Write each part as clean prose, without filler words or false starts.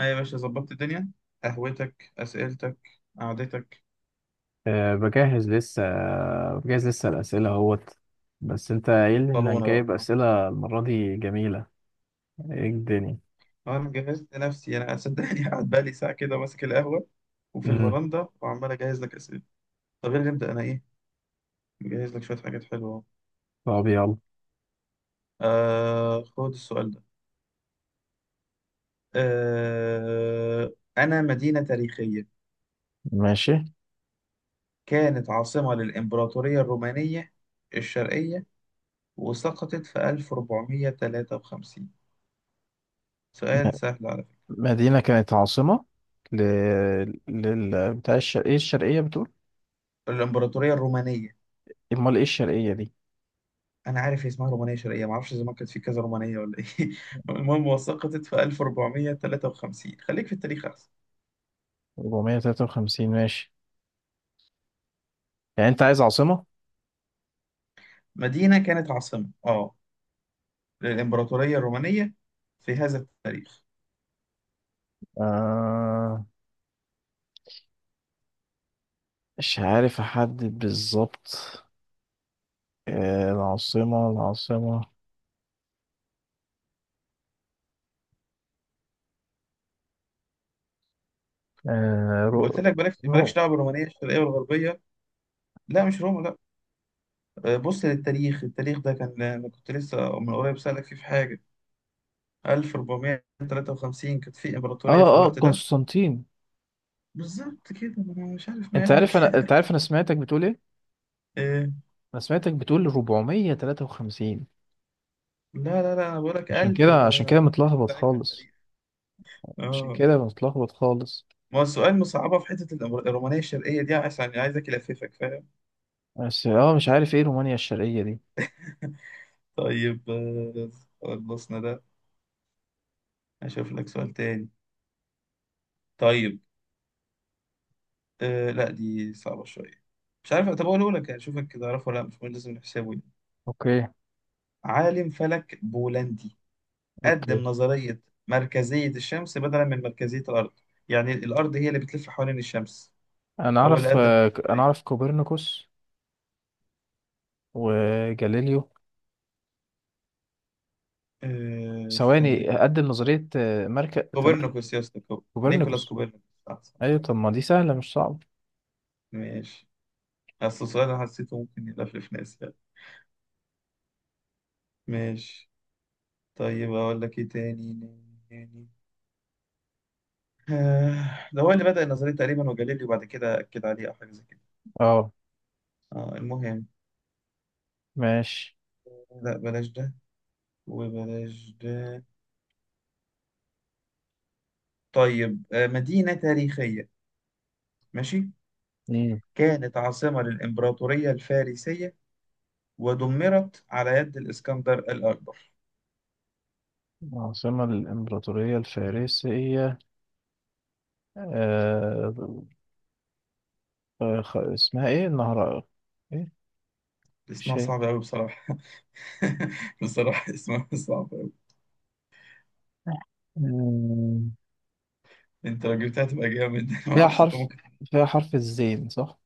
أيوة يا باشا، ظبطت الدنيا. قهوتك أسئلتك قعدتك. بجهز لسه. الأسئلة اهوت. بس انت قايل لي انك طلونا جايب بقى. أسئلة المرة دي جميلة. ايه الدنيا؟ أنا جهزت نفسي أنا صدقني قاعد بقالي ساعة كده ماسك القهوة وفي امم الفرندا وعمال أجهز لك أسئلة. طب يلا نبدأ. أنا إيه مجهز لك شوية حاجات حلوة أهو. طب يلا. آه خد السؤال ده. آه أنا مدينة تاريخية ماشي. كانت عاصمة للإمبراطورية الرومانية الشرقية وسقطت في 1453. م- سؤال سهل على فكرة. مدينة كانت عاصمة ل... لل بتاع الشرقية، ايه الشرقية بتقول؟ الإمبراطورية الرومانية، امال ايه الشرقية دي؟ انا عارف هي اسمها رومانيه شرقيه، ما اعرفش زمان كانت في كذا رومانيه ولا ايه المهم، وسقطت في 1453. خليك في التاريخ احسن. 453، ماشي. يعني انت عايز عاصمة؟ مدينه كانت عاصمه للامبراطوريه الرومانيه في هذا التاريخ. آه... مش عارف احدد بالظبط. العاصمة آه... رو... ما قلت لك بلاش، مالكش رو... دعوه بالرومانيه الشرقيه والغربيه. لا مش روما لا. بص للتاريخ، التاريخ ده كان، انا كنت لسه من قريب سالك فيه في حاجه. 1453 كانت في امبراطوريه اه في اه الوقت ده. قسطنطين. بالظبط كده، ما انا مش عارف مالك انت عارف انا سمعتك بتقول ايه. آه، انا سمعتك بتقول 453. لا لا لا، انا بقول لك عشان كده 1400 متلخبط عليك على خالص. التاريخ. عشان اه كده متلخبط خالص. ما هو السؤال مصعبة في حتة الرومانية الشرقية دي، عشان عايزك ألففك فاهم. بس اه مش عارف ايه رومانيا الشرقية دي. طيب خلصنا ده. هشوف لك سؤال تاني. طيب لا دي صعبة شوية، مش عارف. طب أقوله لك يعني شوفك كده أعرفه ولا لأ، مش مهم لازم نحسبه يعني. اوكي. عالم فلك بولندي قدم اوكي. نظرية مركزية الشمس بدلا من مركزية الأرض. يعني الأرض هي اللي بتلف حوالين الشمس، انا هو اللي اعرف، قدم انا النظرية. اعرف كوبرنيكوس وجاليليو. استنى ثواني، كده. اقدم نظرية، مركز، تمركز. كوبرنيكوس يا اسطى، نيكولاس كوبرنيكوس. كوبرنيكوس. صح صح ايوه صح. طب ما دي سهلة مش صعبة. ماشي. أصل السؤال أنا حسيته ممكن يلفلف ناس يعني. ماشي. طيب أقول لك إيه تاني. يعني ده هو اللي بدأ النظرية تقريبا، وجاليليو بعد كده أكد عليه أو حاجة زي كده. اه المهم. ماشي. لا بلاش ده وبلاش ده. طيب مدينة تاريخية. ماشي. امم كانت عاصمة للإمبراطورية الفارسية ودمرت على يد الإسكندر الأكبر. عاصمة الإمبراطورية الفارسية. آه. اسمها ايه النهر؟ ايه؟ مش اسمها هي. صعب أوي بصراحة. بصراحة اسمها صعب أوي. مم، أنت لو جبتها تبقى جامد. فيها معرفش أنت حرف. ممكن. فيها حرف الزين، صح؟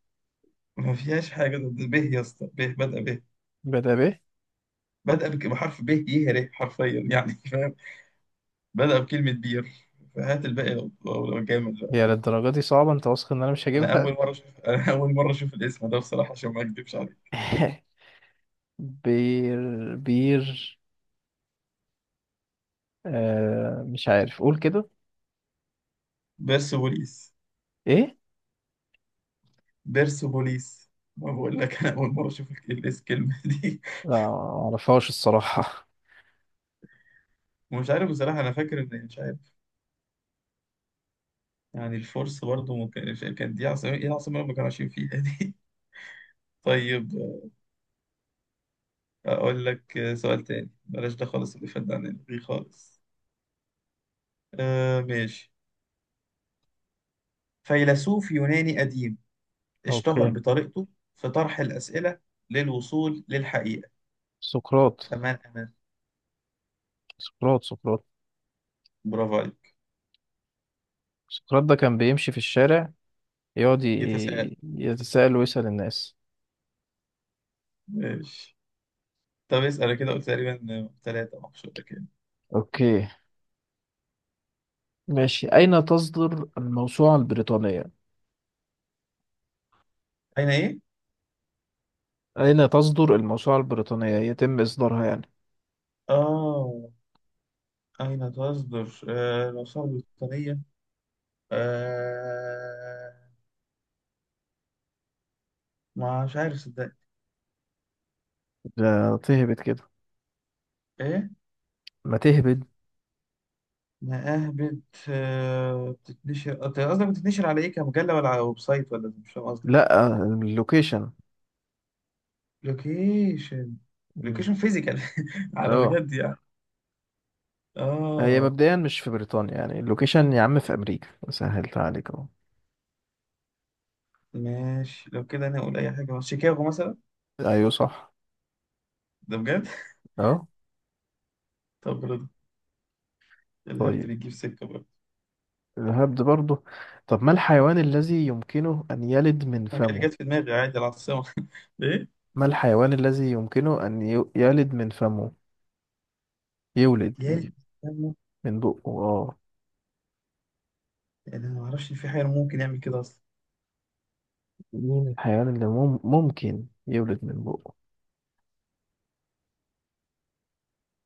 ما فيهاش حاجة، ده به يا اسطى، به بدأ به. بدأ ب. بدأ بحرف به، يهره حرفيا يعني فاهم. بدأ بكلمة بير، فهات الباقي لو جامد بقى. هي للدرجة دي صعبة؟ انت واثق ان انا مش أنا هجيبها؟ أول مرة أشوف، أنا أول مرة أشوف الاسم ده بصراحة عشان ما أكدبش عليك. بير بير. آه مش عارف، قول كده. بيرسوبوليس ايه؟ بيرسوبوليس. ما بقول لك، أنا أول مرة أشوف ال- الاس الكلمة دي. لا معرفهاش الصراحة. ومش عارف بصراحة، أنا فاكر إن مش عارف. يعني الفرس برضه ممكن كان دي عاصمة، إيه العاصمة اللي ما كانوا عايشين فيها دي. طيب أقول لك سؤال تاني. بلاش ده خالص، اللي فات ده عن الغي خالص. ماشي. فيلسوف يوناني قديم اشتهر اوكي. بطريقته في طرح الأسئلة للوصول للحقيقة، سقراط. فمن أنا؟ سقراط، سقراط. برافو عليك. سقراط ده كان بيمشي في الشارع، يقعد يتساءل. يتساءل ويسأل الناس. ماشي. طب اسأل، أنا كده قلت تقريبا ثلاثة مقصودة كده. اوكي ماشي. اين تصدر الموسوعة البريطانية؟ أين إيه؟ أين تصدر الموسوعة البريطانية، يتم إصدارها يعني. آه أين تصدر الآثار البريطانية؟ آه مش عارف صدق. ده تهبد كده. إيه؟ ما تهبد. مآهبت. بتتنشر أنت، قصدك بتتنشر على إيه، كمجلة ولا على ويب سايت، ولا مش فاهم قصدك إيه؟ لا، اللوكيشن. لوكيشن. مم. لوكيشن فيزيكال. على اه. بجد يعني. هي اه مبدئيا مش في بريطانيا يعني اللوكيشن. يا عم في أمريكا، سهلت عليك اهو. ماشي، لو كده انا اقول اي حاجه، مثلا شيكاغو مثلا. أيوه صح. ده بجد. اه. طب برضه، الهبد طيب بيجيب سكه برضه. الهبد برضه. طب ما الحيوان الذي يمكنه أن يلد من ما جا- اللي فمه؟ جت في دماغي عادي العاصمه. ايه. ما الحيوان الذي يمكنه أن يلد من فمه؟ يولد يا من. اللي بيستنوا، من بقه اه. انا ما اعرفش إن في حاجه ممكن يعمل كده اصلا. مين الحيوان اللي ممكن يولد من بقه؟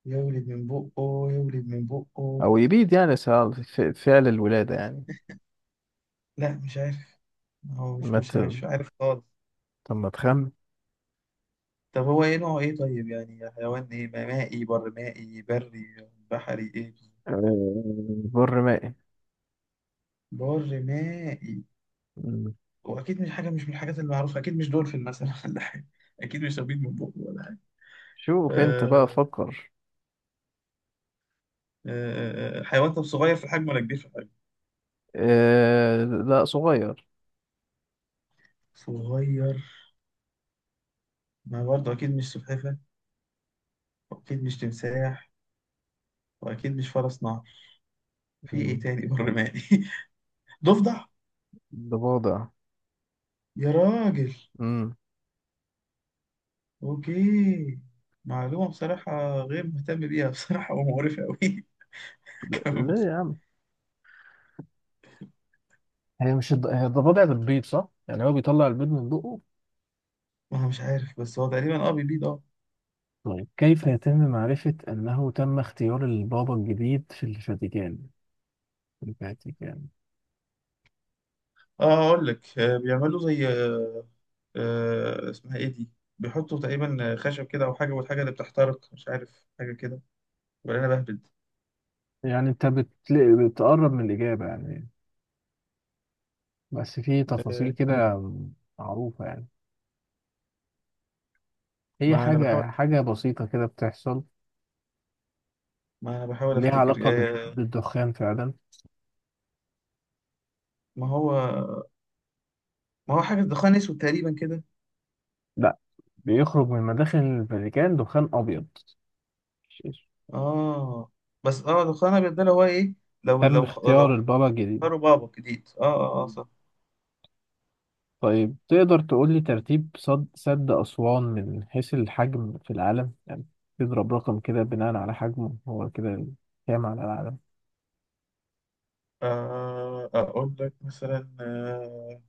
يولد من بقه، يولد من بقه. او يبيد يعني، فعل الولادة يعني. لا مش عارف. هو مش ما ت... عارف خالص. طب ما تخمن. طب هو ايه نوعه، ايه طيب، يعني حيوان ايه، مائي بر مائي بري بحري ايه. آه، بر مائي. بر مائي. مم. واكيد مش حاجه، مش من الحاجات المعروفه، اكيد مش دولفين مثلا ولا حاجه. اكيد مش سبيط من بقه ولا حاجه. شوف انت بقى آه، فكر. حيوان، طب صغير في الحجم ولا كبير في الحجم. لا، صغير. صغير. ما برضه اكيد مش سلحفاه، واكيد مش تمساح، واكيد مش فرس نهر. في ايه مم. تاني بر مائي؟ ضفدع. ضفادع. يا راجل. مم. اوكي. معلومه بصراحه غير مهتم بيها بصراحه ومقرفه قوي. كمل. ليه يا عم؟ هي مش الض... هي الضفادع بتبيض صح؟ يعني هو بيطلع البيض من بقه. ما هو مش عارف، بس هو تقريبا بيبيض اه. طيب كيف يتم معرفة أنه تم اختيار البابا الجديد في الفاتيكان؟ في الفاتيكان. اه اقول لك بيعملوا زي اسمها ايه دي. بيحطوا تقريبا خشب كده او حاجه، والحاجه اللي بتحترق، مش عارف حاجه كده، ولا انا بهبد. يعني أنت بتقرب من الإجابة يعني. بس في تفاصيل آه، كده معروفة يعني. هي ما انا بحاول حاجة بسيطة كده بتحصل. ما انا بحاول ليها افتكر. علاقة آه، بالدخان فعلا. ما هو ما هو حاجه دخان اسود تقريبا كده. لا، بيخرج من مداخل الفاتيكان دخان أبيض. اه بس دخان ابيض ده اللي هو ايه. لو تم اختيار البابا الجديد. اختاروا بابا جديد. اه، اه، اه، مم. صح. طيب تقدر تقول لي ترتيب سد أسوان من حيث الحجم في العالم يعني. تضرب رقم كده بناء على حجمه هو كده، كام على العالم. اقول لك مثلا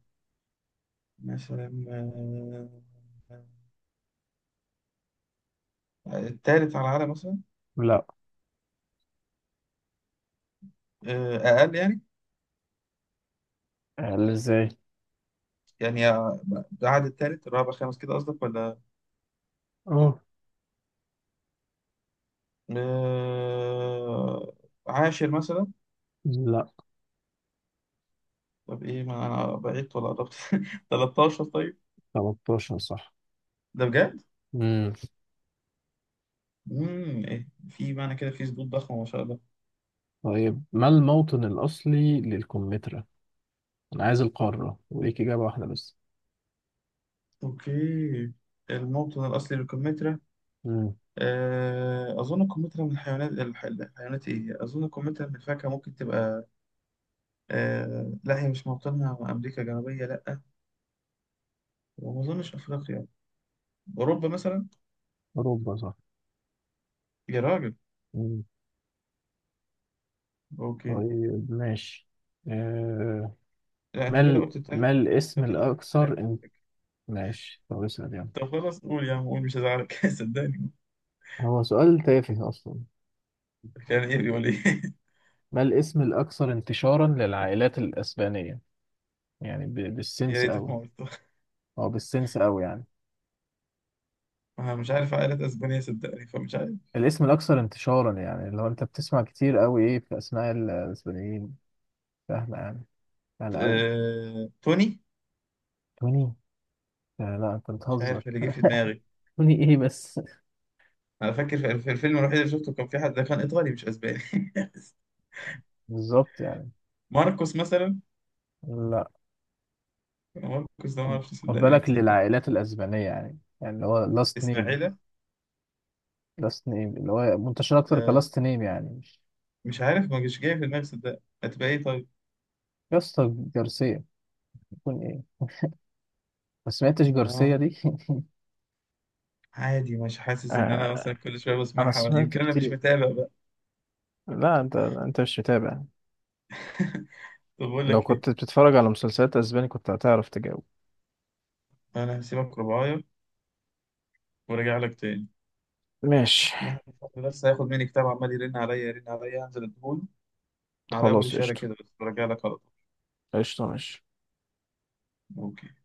مثلا التالت على العالم مثلا. لا. اقل يعني. قال ازاي. يعني ده عدد، تالت الرابع خامس كده قصدك ولا. اه. آه، عاشر مثلا. لا. طب ايه، ما انا بعدت ولا قربت؟ 13 طيب. 13 صح. ده بجد. مم. إيه؟ في معنى كده، في سقوط ضخم ما شاء الله. طيب ما الموطن الأصلي للكمثرى؟ انا عايز القارة وليك اجابة واحدة بس. اوكي. الموطن الاصلي للكمثرى. مم. اظن الكمثرى من الحيوانات الحيوانات ايه، اظن الكمثرى من الفاكهه ممكن تبقى. لا، هي مش موطنها امريكا الجنوبيه لا. وما اظنش افريقيا. اوروبا مثلا. اوروبا صح. يا راجل. مم. اوكي. طيب ماشي. آه. لا ما انت كده ال... قلت، ما ده الاسم كده قلت ثلاثة الاكثر على ان... فكرة. ماشي طب اسأل يعني. طب خلاص قول يا عم، قول مش هزعلك صدقني. هو سؤال تافه اصلا. كان ايه، بيقول ايه؟ ما الاسم الاكثر انتشارا للعائلات الاسبانية؟ يعني يا بالسنس ريتك قوي. ما قلته. او بالسنس قوي يعني. انا مش عارف عائلة اسبانيا صدقني، فمش عارف. الاسم الاكثر انتشارا يعني اللي هو انت بتسمع كتير قوي ايه في اسماء الاسبانيين. فاهمة يعني، سهلة قوي. توني. توني؟ آه لا انت مش عارف بتهزر. اللي جه في دماغي. توني ايه بس؟ انا فاكر في الفيلم الوحيد اللي شفته، كان في حد ده كان ايطالي مش اسباني. بالظبط يعني. ماركوس مثلا. لا. ماركوس ده ما اعرفش خد صدقني، بالك، مكسيكي. للعائلات الأسبانية يعني، يعني اللي هو لاست نيم. اسماعيلة. لاست نيم اللي هو منتشر أكتر آه... كلاست نيم يعني، مش مش عارف، ما جاش جاي في دماغي صدقني، هتبقى ايه طيب. يا اسطى جارسيا يكون إيه؟ ما سمعتش جارسيا اه دي؟ عادي، مش حاسس ان انا آه، مثلا كل شويه انا بسمعها، سمعت يمكن انا مش كتير. متابع بقى. لا انت، انت مش متابع. طب بقول لو لك كنت ايه. بتتفرج على مسلسلات اسباني كنت هتعرف تجاوب. انا هسيبك رباية، ورجع لك تاني. ماشي. يحيى الفضل بس هياخد مني كتاب، عمال يرن عليا يرن عليا، هنزل اديهوله على اول خلاص الشارع قشطة. كده بس ورجع لك على طول. قشطة ماشي. اوكي